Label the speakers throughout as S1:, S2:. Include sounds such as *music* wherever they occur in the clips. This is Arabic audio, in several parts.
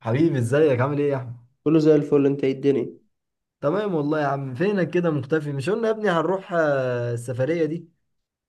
S1: حبيبي ازيك عامل ايه يا احمد؟
S2: كله زي الفل، انت ايه الدنيا؟
S1: تمام والله يا عم. فينك كده مختفي؟ مش قلنا يا ابني هنروح السفرية دي.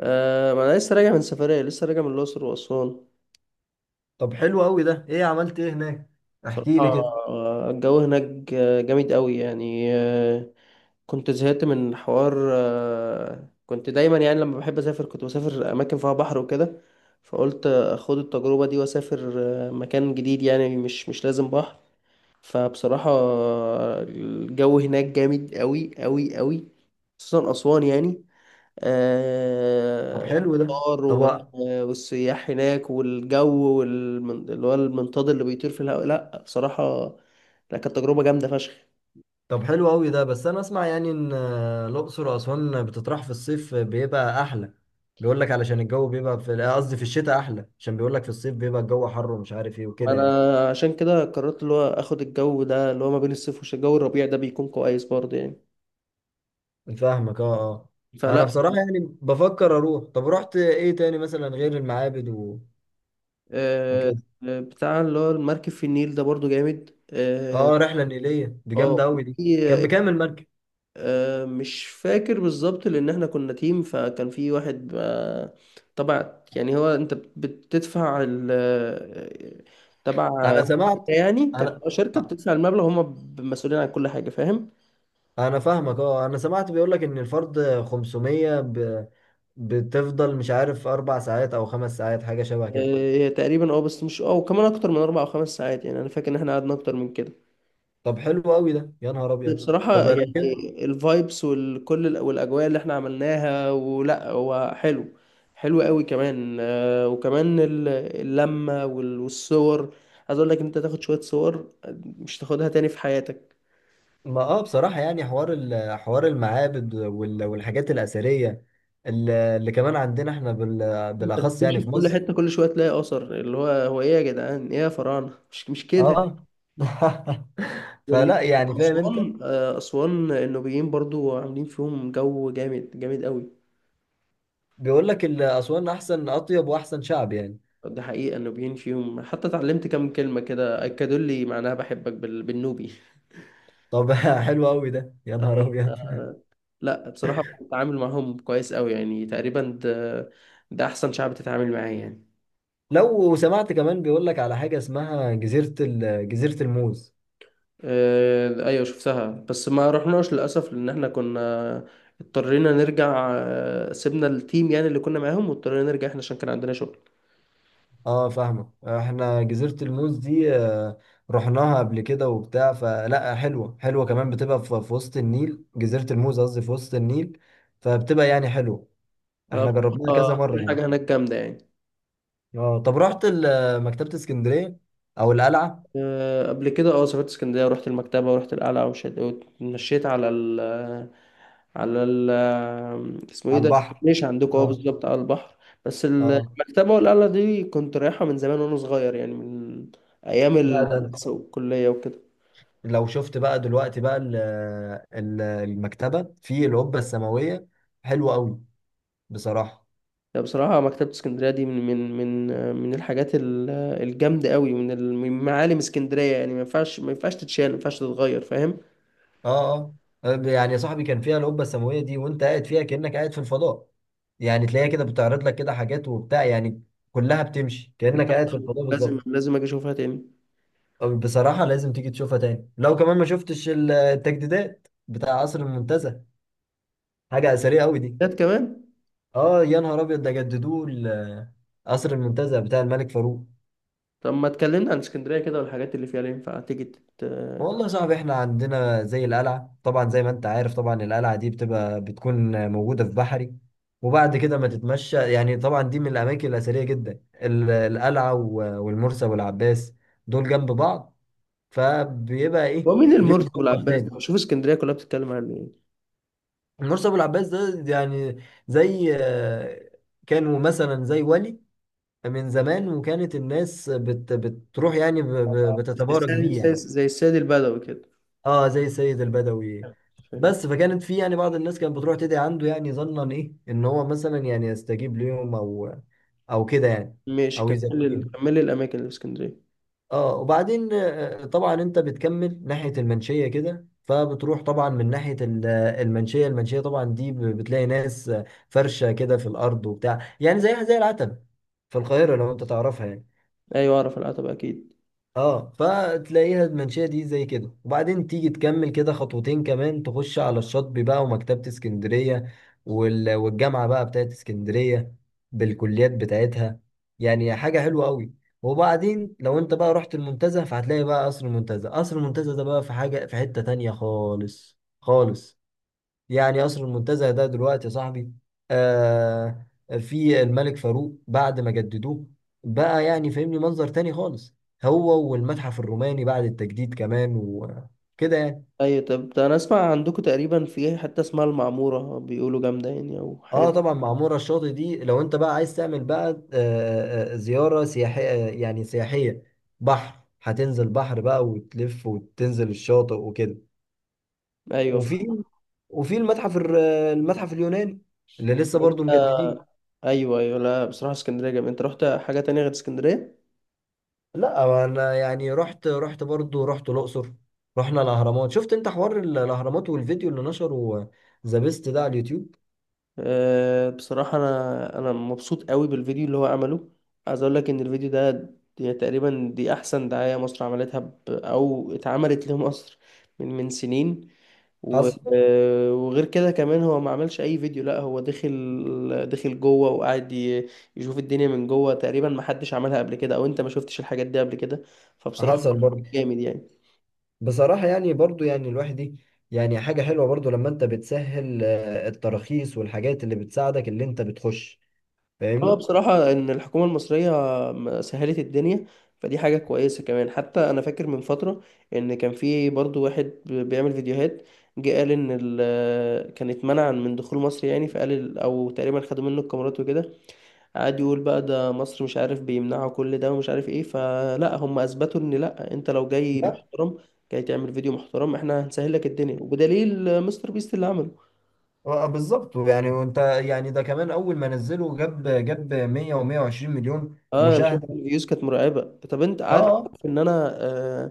S2: ما انا لسه راجع من سفرية، لسه راجع من الأقصر وأسوان.
S1: طب حلو قوي ده. ايه عملت ايه هناك؟ احكي
S2: بصراحة
S1: لي كده.
S2: الجو هناك جامد قوي يعني. كنت زهقت من حوار، كنت دايما يعني لما بحب أسافر كنت بسافر أماكن فيها بحر وكده، فقلت أخد التجربة دي وأسافر مكان جديد يعني، مش لازم بحر. فبصراحة الجو هناك جامد قوي قوي قوي، خصوصا أسوان يعني.
S1: طب حلو ده.
S2: الأمطار
S1: طب
S2: والسياح هناك والجو اللي هو المنطاد اللي بيطير في الهواء، لا بصراحة، لا كانت تجربة جامدة فشخ.
S1: طب حلو قوي ده. بس انا اسمع يعني ان الاقصر واسوان بتطرح في الصيف بيبقى احلى. بيقول لك علشان الجو بيبقى في قصدي في الشتاء احلى، عشان بيقول لك في الصيف بيبقى الجو حر ومش عارف ايه
S2: ما
S1: وكده يعني.
S2: أنا عشان كده قررت اللي هو آخد الجو ده، اللي هو ما بين الصيف والشتاء، الجو الربيع ده بيكون كويس برضه يعني.
S1: فاهمك، اه. اه انا
S2: فلا.
S1: بصراحة يعني بفكر اروح. طب رحت ايه تاني مثلا غير المعابد
S2: آه،
S1: وكده؟
S2: بتاع اللي هو المركب في النيل ده برضه جامد، اه.
S1: اه، رحله نيليه دي
S2: آه،
S1: جامده قوي دي. كان
S2: وفي
S1: بكام المركب؟
S2: آه، مش فاكر بالظبط لان احنا كنا تيم، فكان في واحد، طبعا يعني، هو انت بتدفع ال تبع
S1: انا
S2: شركة
S1: سمعت.
S2: يعني، كانت
S1: انا
S2: تبع شركة، بتدفع المبلغ هم مسؤولين عن كل حاجة، فاهم؟
S1: انا فاهمك، اه. انا سمعت بيقول لك ان الفرد 500. بتفضل مش عارف 4 ساعات او 5 ساعات، حاجه شبه كده.
S2: آه، هي تقريبا اه، بس مش اه، وكمان اكتر من اربع او خمس ساعات يعني، انا فاكر ان احنا قعدنا اكتر من كده.
S1: طب حلو قوي ده، يا نهار ابيض.
S2: بصراحة
S1: طب لو
S2: يعني
S1: كده،
S2: الفايبس والكل والأجواء اللي احنا عملناها، ولا هو حلو، حلو قوي كمان. وكمان اللمة والصور. عايز اقول لك إن انت تاخد شوية صور مش تاخدها تاني في حياتك.
S1: ما اه بصراحه يعني حوار المعابد والحاجات الاثريه اللي كمان عندنا احنا
S2: انت
S1: بالاخص
S2: بتمشي
S1: يعني
S2: في
S1: في
S2: كل
S1: مصر.
S2: حتة، كل شوية تلاقي أثر، اللي هو هو ايه يا جدعان، ايه يا فراعنة، مش كده؟
S1: اه. *laughs* فلا يعني فاهم انت.
S2: وأسوان، أسوان النوبيين برضو عاملين فيهم جو جامد، جامد قوي.
S1: بيقول لك أسوان أحسن، أطيب وأحسن شعب يعني.
S2: ده حقيقة النوبيين فيهم، حتى اتعلمت كام كلمة كده أكدوا لي معناها، بحبك بالنوبي.
S1: طب *laughs* حلو أوي ده، يا نهار أبيض.
S2: لا بصراحة بتعامل معاهم كويس أوي يعني، تقريبا ده أحسن شعب تتعامل معاه يعني.
S1: لو سمعت كمان بيقول لك على حاجة اسمها جزيرة الموز.
S2: أيوة شفتها، بس ما رحناش للأسف لأن احنا كنا اضطرينا نرجع، سيبنا التيم يعني اللي كنا معاهم واضطرينا نرجع احنا عشان كان عندنا شغل.
S1: اه فاهمة، احنا جزيرة الموز دي رحناها قبل كده وبتاع. فلا حلوة، حلوة كمان. بتبقى في وسط النيل، جزيرة الموز قصدي في وسط النيل، فبتبقى يعني حلوة. احنا جربناها كذا
S2: بصراحة
S1: مرة
S2: كل
S1: يعني.
S2: حاجة هناك جامدة يعني.
S1: اه، طب رحت مكتبة اسكندرية أو القلعة؟
S2: قبل كده اه، سافرت اسكندرية ورحت المكتبة ورحت القلعة واتمشيت على ال، على ال، اسمه ايه
S1: على
S2: ده؟
S1: البحر.
S2: مش عندكم اه،
S1: اه.
S2: بالظبط على البحر. بس
S1: اه
S2: المكتبة والقلعة دي كنت رايحها من زمان وانا صغير يعني، من ايام
S1: لا ده،
S2: المدرسة والكلية وكده
S1: لو شفت بقى دلوقتي بقى المكتبة في القبة السماوية، حلوة قوي بصراحة.
S2: يعني. بصراحة مكتبة اسكندرية دي من من الحاجات الجامدة قوي، من معالم اسكندرية يعني، ما ينفعش، ما ينفعش تتشال، ما ينفعش تتغير، فاهم؟
S1: اه. اه، طيب يعني يا صاحبي كان فيها القبة السماوية دي، وانت قاعد فيها كأنك قاعد في الفضاء. يعني تلاقيها كده بتعرض لك كده حاجات وبتاع يعني، كلها بتمشي كأنك قاعد في الفضاء
S2: لازم
S1: بالظبط.
S2: لازم اجي اشوفها تاني.
S1: بصراحة لازم تيجي تشوفها تاني. لو كمان ما شفتش التجديدات بتاع قصر المنتزه، حاجة أثرية قوي دي.
S2: كانت كمان.
S1: اه يا نهار أبيض، ده جددوه قصر المنتزه بتاع الملك فاروق.
S2: طب ما اتكلمنا عن اسكندرية كده والحاجات اللي فيها، اللي ينفع تيجي تت...
S1: والله يا صاحبي احنا عندنا زي القلعة طبعا، زي ما انت عارف. طبعا القلعة دي بتبقى بتكون موجودة في بحري، وبعد كده ما تتمشى يعني. طبعا دي من الأماكن الأثرية جدا، القلعة والمرسى والعباس، دول جنب بعض، فبيبقى ايه
S2: هو مين
S1: ليهم
S2: المرسي
S1: مطبخ
S2: والعباس ده؟
S1: تاني.
S2: شوف اسكندرية كلها بتتكلم عن ايه.
S1: المرسى والعباس ده يعني زي كانوا مثلا زي ولي من زمان، وكانت الناس بتروح يعني
S2: زي
S1: بتتبارك
S2: السيد،
S1: بيه
S2: زي
S1: يعني.
S2: زي السيد البدوي كده،
S1: اه زي السيد البدوي.
S2: فاهم؟
S1: بس فكانت في يعني بعض الناس كانت بتروح تدعي عنده، يعني ظنا ايه ان هو مثلا يعني يستجيب ليهم او كده يعني،
S2: ماشي
S1: او
S2: كمل.
S1: يزكيهم.
S2: كمل لي الأماكن اللي في اسكندرية.
S1: اه وبعدين طبعا انت بتكمل ناحية المنشية كده، فبتروح طبعا من ناحية المنشية. المنشية طبعا دي بتلاقي ناس فرشة كده في الأرض وبتاع يعني، زيها زي العتبة في القاهرة لو انت تعرفها يعني.
S2: أيوة أعرف العتبة أكيد.
S1: اه فتلاقيها المنشأة دي زي كده، وبعدين تيجي تكمل كده خطوتين كمان، تخش على الشاطبي بقى ومكتبة اسكندرية والجامعة بقى بتاعت اسكندرية بالكليات بتاعتها، يعني حاجة حلوة قوي. وبعدين لو انت بقى رحت المنتزه، فهتلاقي بقى قصر المنتزه. قصر المنتزه ده بقى في حاجة، في حتة تانية خالص خالص. يعني قصر المنتزه ده دلوقتي يا صاحبي، آه، في الملك فاروق بعد ما جددوه، بقى يعني فاهمني منظر تاني خالص، هو والمتحف الروماني بعد التجديد كمان وكده يعني.
S2: أيوة، طب ده أنا أسمع عندكم تقريبا في حتة اسمها المعمورة بيقولوا جامدة يعني، أو حاجة
S1: اه
S2: زي-.
S1: طبعا معمورة الشاطئ دي، لو انت بقى عايز تعمل بقى زيارة سياحية، يعني سياحية، بحر، هتنزل بحر بقى وتلف وتنزل الشاطئ وكده.
S2: أيوة فاهم.
S1: وفي وفي المتحف المتحف اليوناني اللي لسه
S2: طب
S1: برضه
S2: أنت.
S1: مجددين.
S2: أيوة أيوة، لا بصراحة اسكندرية جامدة. أنت رحت حاجة تانية غير اسكندرية؟
S1: لا انا يعني رحت برضو رحت الاقصر. رحنا الاهرامات. شفت انت حوار الاهرامات والفيديو اللي نشره ذا بيست ده على اليوتيوب؟
S2: بصراحة أنا مبسوط قوي بالفيديو اللي هو عمله. عايز أقول لك إن الفيديو ده، دي تقريبا أحسن دعاية مصر عملتها ب... أو اتعملت لمصر من من سنين و...
S1: حصل.
S2: وغير كده كمان، هو ما عملش أي فيديو، لأ هو دخل جوه وقعد ي... يشوف الدنيا من جوه، تقريبا ما حدش عملها قبل كده، أو أنت ما شفتش الحاجات دي قبل كده. فبصراحة
S1: حصل برضو.
S2: جامد يعني.
S1: بصراحه يعني برضو يعني الواحد دي، يعني حاجه حلوه برضو لما انت بتسهل التراخيص والحاجات اللي بتساعدك اللي انت بتخش،
S2: اه
S1: فاهمني.
S2: بصراحة ان الحكومة المصرية سهلت الدنيا، فدي حاجة كويسة كمان. حتى انا فاكر من فترة ان كان في برضو واحد بيعمل فيديوهات، جه قال ان كان اتمنع من دخول مصر يعني، فقال او تقريبا خدوا منه الكاميرات وكده، قعد يقول بقى ده مصر مش عارف بيمنعوا كل ده، ومش عارف ايه. فلا هم اثبتوا ان لا، انت لو جاي
S1: لا
S2: محترم، جاي تعمل فيديو محترم، احنا هنسهل لك الدنيا، وبدليل مستر بيست اللي عمله.
S1: بالظبط يعني. وانت يعني ده كمان اول ما نزله جاب 100 و120 مليون
S2: اه انا شفت
S1: مشاهده.
S2: الفيوز كانت مرعبة. طب انت قاعد
S1: اه.
S2: في ان انا آه،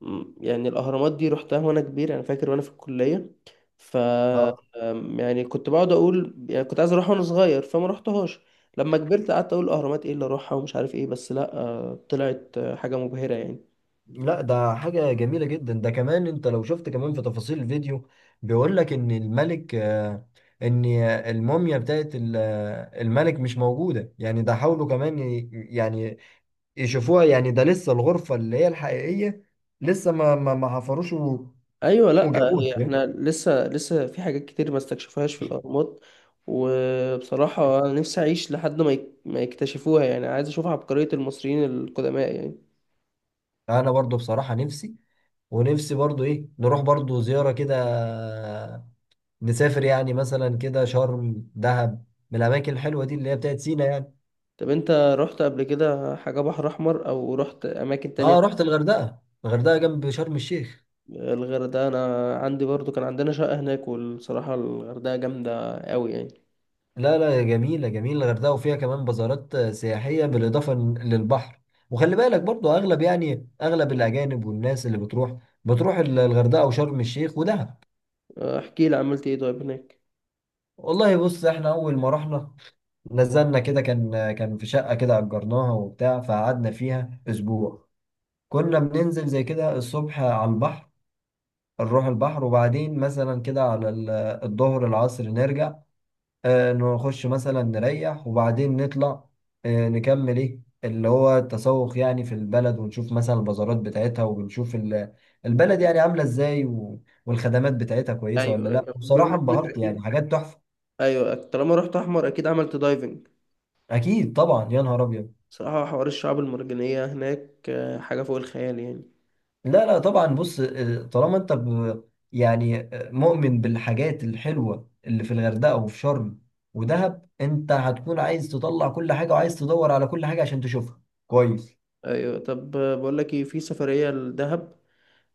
S2: مم، يعني الأهرامات دي رحتها وأنا كبير، أنا فاكر وأنا في الكلية ف،
S1: آه.
S2: يعني كنت بقعد أقول، يعني كنت عايز أروح وأنا صغير فما رحتهاش، لما كبرت قعدت أقول الأهرامات إيه اللي أروحها ومش عارف إيه، بس لأ طلعت حاجة مبهرة يعني.
S1: لا ده حاجة جميلة جدا. ده كمان انت لو شفت كمان في تفاصيل الفيديو، بيقول لك ان الملك آه، ان الموميا بتاعت الملك مش موجودة يعني. ده حاولوا كمان يعني يشوفوها يعني، ده لسه الغرفة اللي هي الحقيقية لسه ما حفروش
S2: أيوة لأ،
S1: وجابوها،
S2: هي
S1: فاهم؟
S2: إحنا لسه في حاجات كتير ما استكشفوهاش في الأهرامات. وبصراحة أنا نفسي أعيش لحد ما ما يكتشفوها يعني، عايز أشوف عبقرية المصريين القدماء يعني.
S1: انا برضو بصراحة نفسي، ونفسي برضو ايه نروح برضو زيارة كده، آه، نسافر يعني مثلا كده شرم، دهب، من الاماكن الحلوة دي اللي هي بتاعت سينا يعني.
S2: طب أنت رحت قبل كده حاجة بحر أحمر، أو رحت أماكن تانية؟
S1: اه رحت الغردقه، الغردقه جنب شرم الشيخ.
S2: الغردقة، أنا عندي برضو كان عندنا شقة هناك، والصراحة الغردقة جامدة أوي يعني.
S1: لا لا جميله، جميله الغردقه، وفيها كمان بازارات سياحيه بالاضافه للبحر. وخلي بالك برضو اغلب يعني اغلب الاجانب والناس اللي بتروح، بتروح الغردقه وشرم الشيخ ودهب.
S2: احكي لي، عملت إيه طيب هناك؟
S1: والله بص احنا اول ما رحنا، نزلنا كده كان كان في شقه كده اجرناها وبتاع، فقعدنا فيها اسبوع. كنا بننزل زي كده الصبح على البحر، نروح البحر، وبعدين مثلا كده على الظهر العصر نرجع، نخش مثلا نريح، وبعدين نطلع نكمل ايه اللي هو التسوق يعني في البلد، ونشوف مثلا البازارات بتاعتها، وبنشوف البلد يعني عاملة ازاي والخدمات بتاعتها كويسة ولا
S2: أيوة
S1: لا.
S2: أيوة.
S1: بصراحة
S2: بما إنك *laughs*
S1: انبهرت يعني،
S2: أكيد،
S1: حاجات تحفة.
S2: أيوة طالما رحت أحمر أكيد عملت دايفنج.
S1: اكيد طبعا يا نهار ابيض.
S2: صراحة حوار الشعاب المرجانية هناك حاجة فوق الخيال يعني.
S1: لا لا طبعا بص، طالما انت يعني مؤمن بالحاجات الحلوة اللي في الغردقة وفي شرم ودهب، انت هتكون عايز تطلع كل حاجة وعايز تدور على كل حاجة عشان تشوفها كويس.
S2: أيوة طب، بقول لك إيه، في سفرية لدهب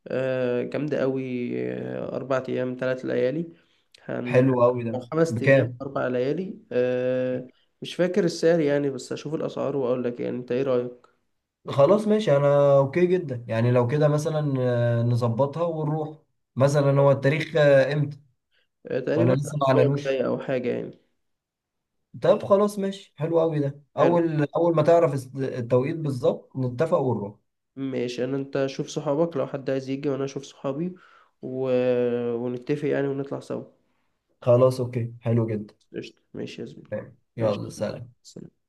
S2: جامدة أوي، 4 أيام 3 ليالي، هن،
S1: حلو قوي ده.
S2: أو خمس أيام
S1: بكام؟
S2: أربع ليالي مش فاكر السعر يعني، بس أشوف الأسعار وأقول لك، يعني أنت إيه رأيك؟
S1: خلاص ماشي انا اوكي جدا يعني. لو كده مثلا نظبطها ونروح. مثلا هو التاريخ امتى؟ ولا
S2: تقريبا
S1: لسه ما
S2: الأسبوع
S1: اعلنوش؟
S2: الجاي أو حاجة يعني.
S1: طب خلاص ماشي، حلو قوي ده.
S2: حلو،
S1: اول ما تعرف التوقيت بالظبط نتفق ونروح.
S2: ماشي. أنا أنت شوف صحابك لو حد عايز يجي، وأنا أشوف صحابي و... ونتفق يعني ونطلع سوا.
S1: خلاص اوكي، حلو جدا.
S2: قشطة ماشي يا زميلي.
S1: تمام.
S2: ماشي،
S1: يلا سلام.
S2: سلام.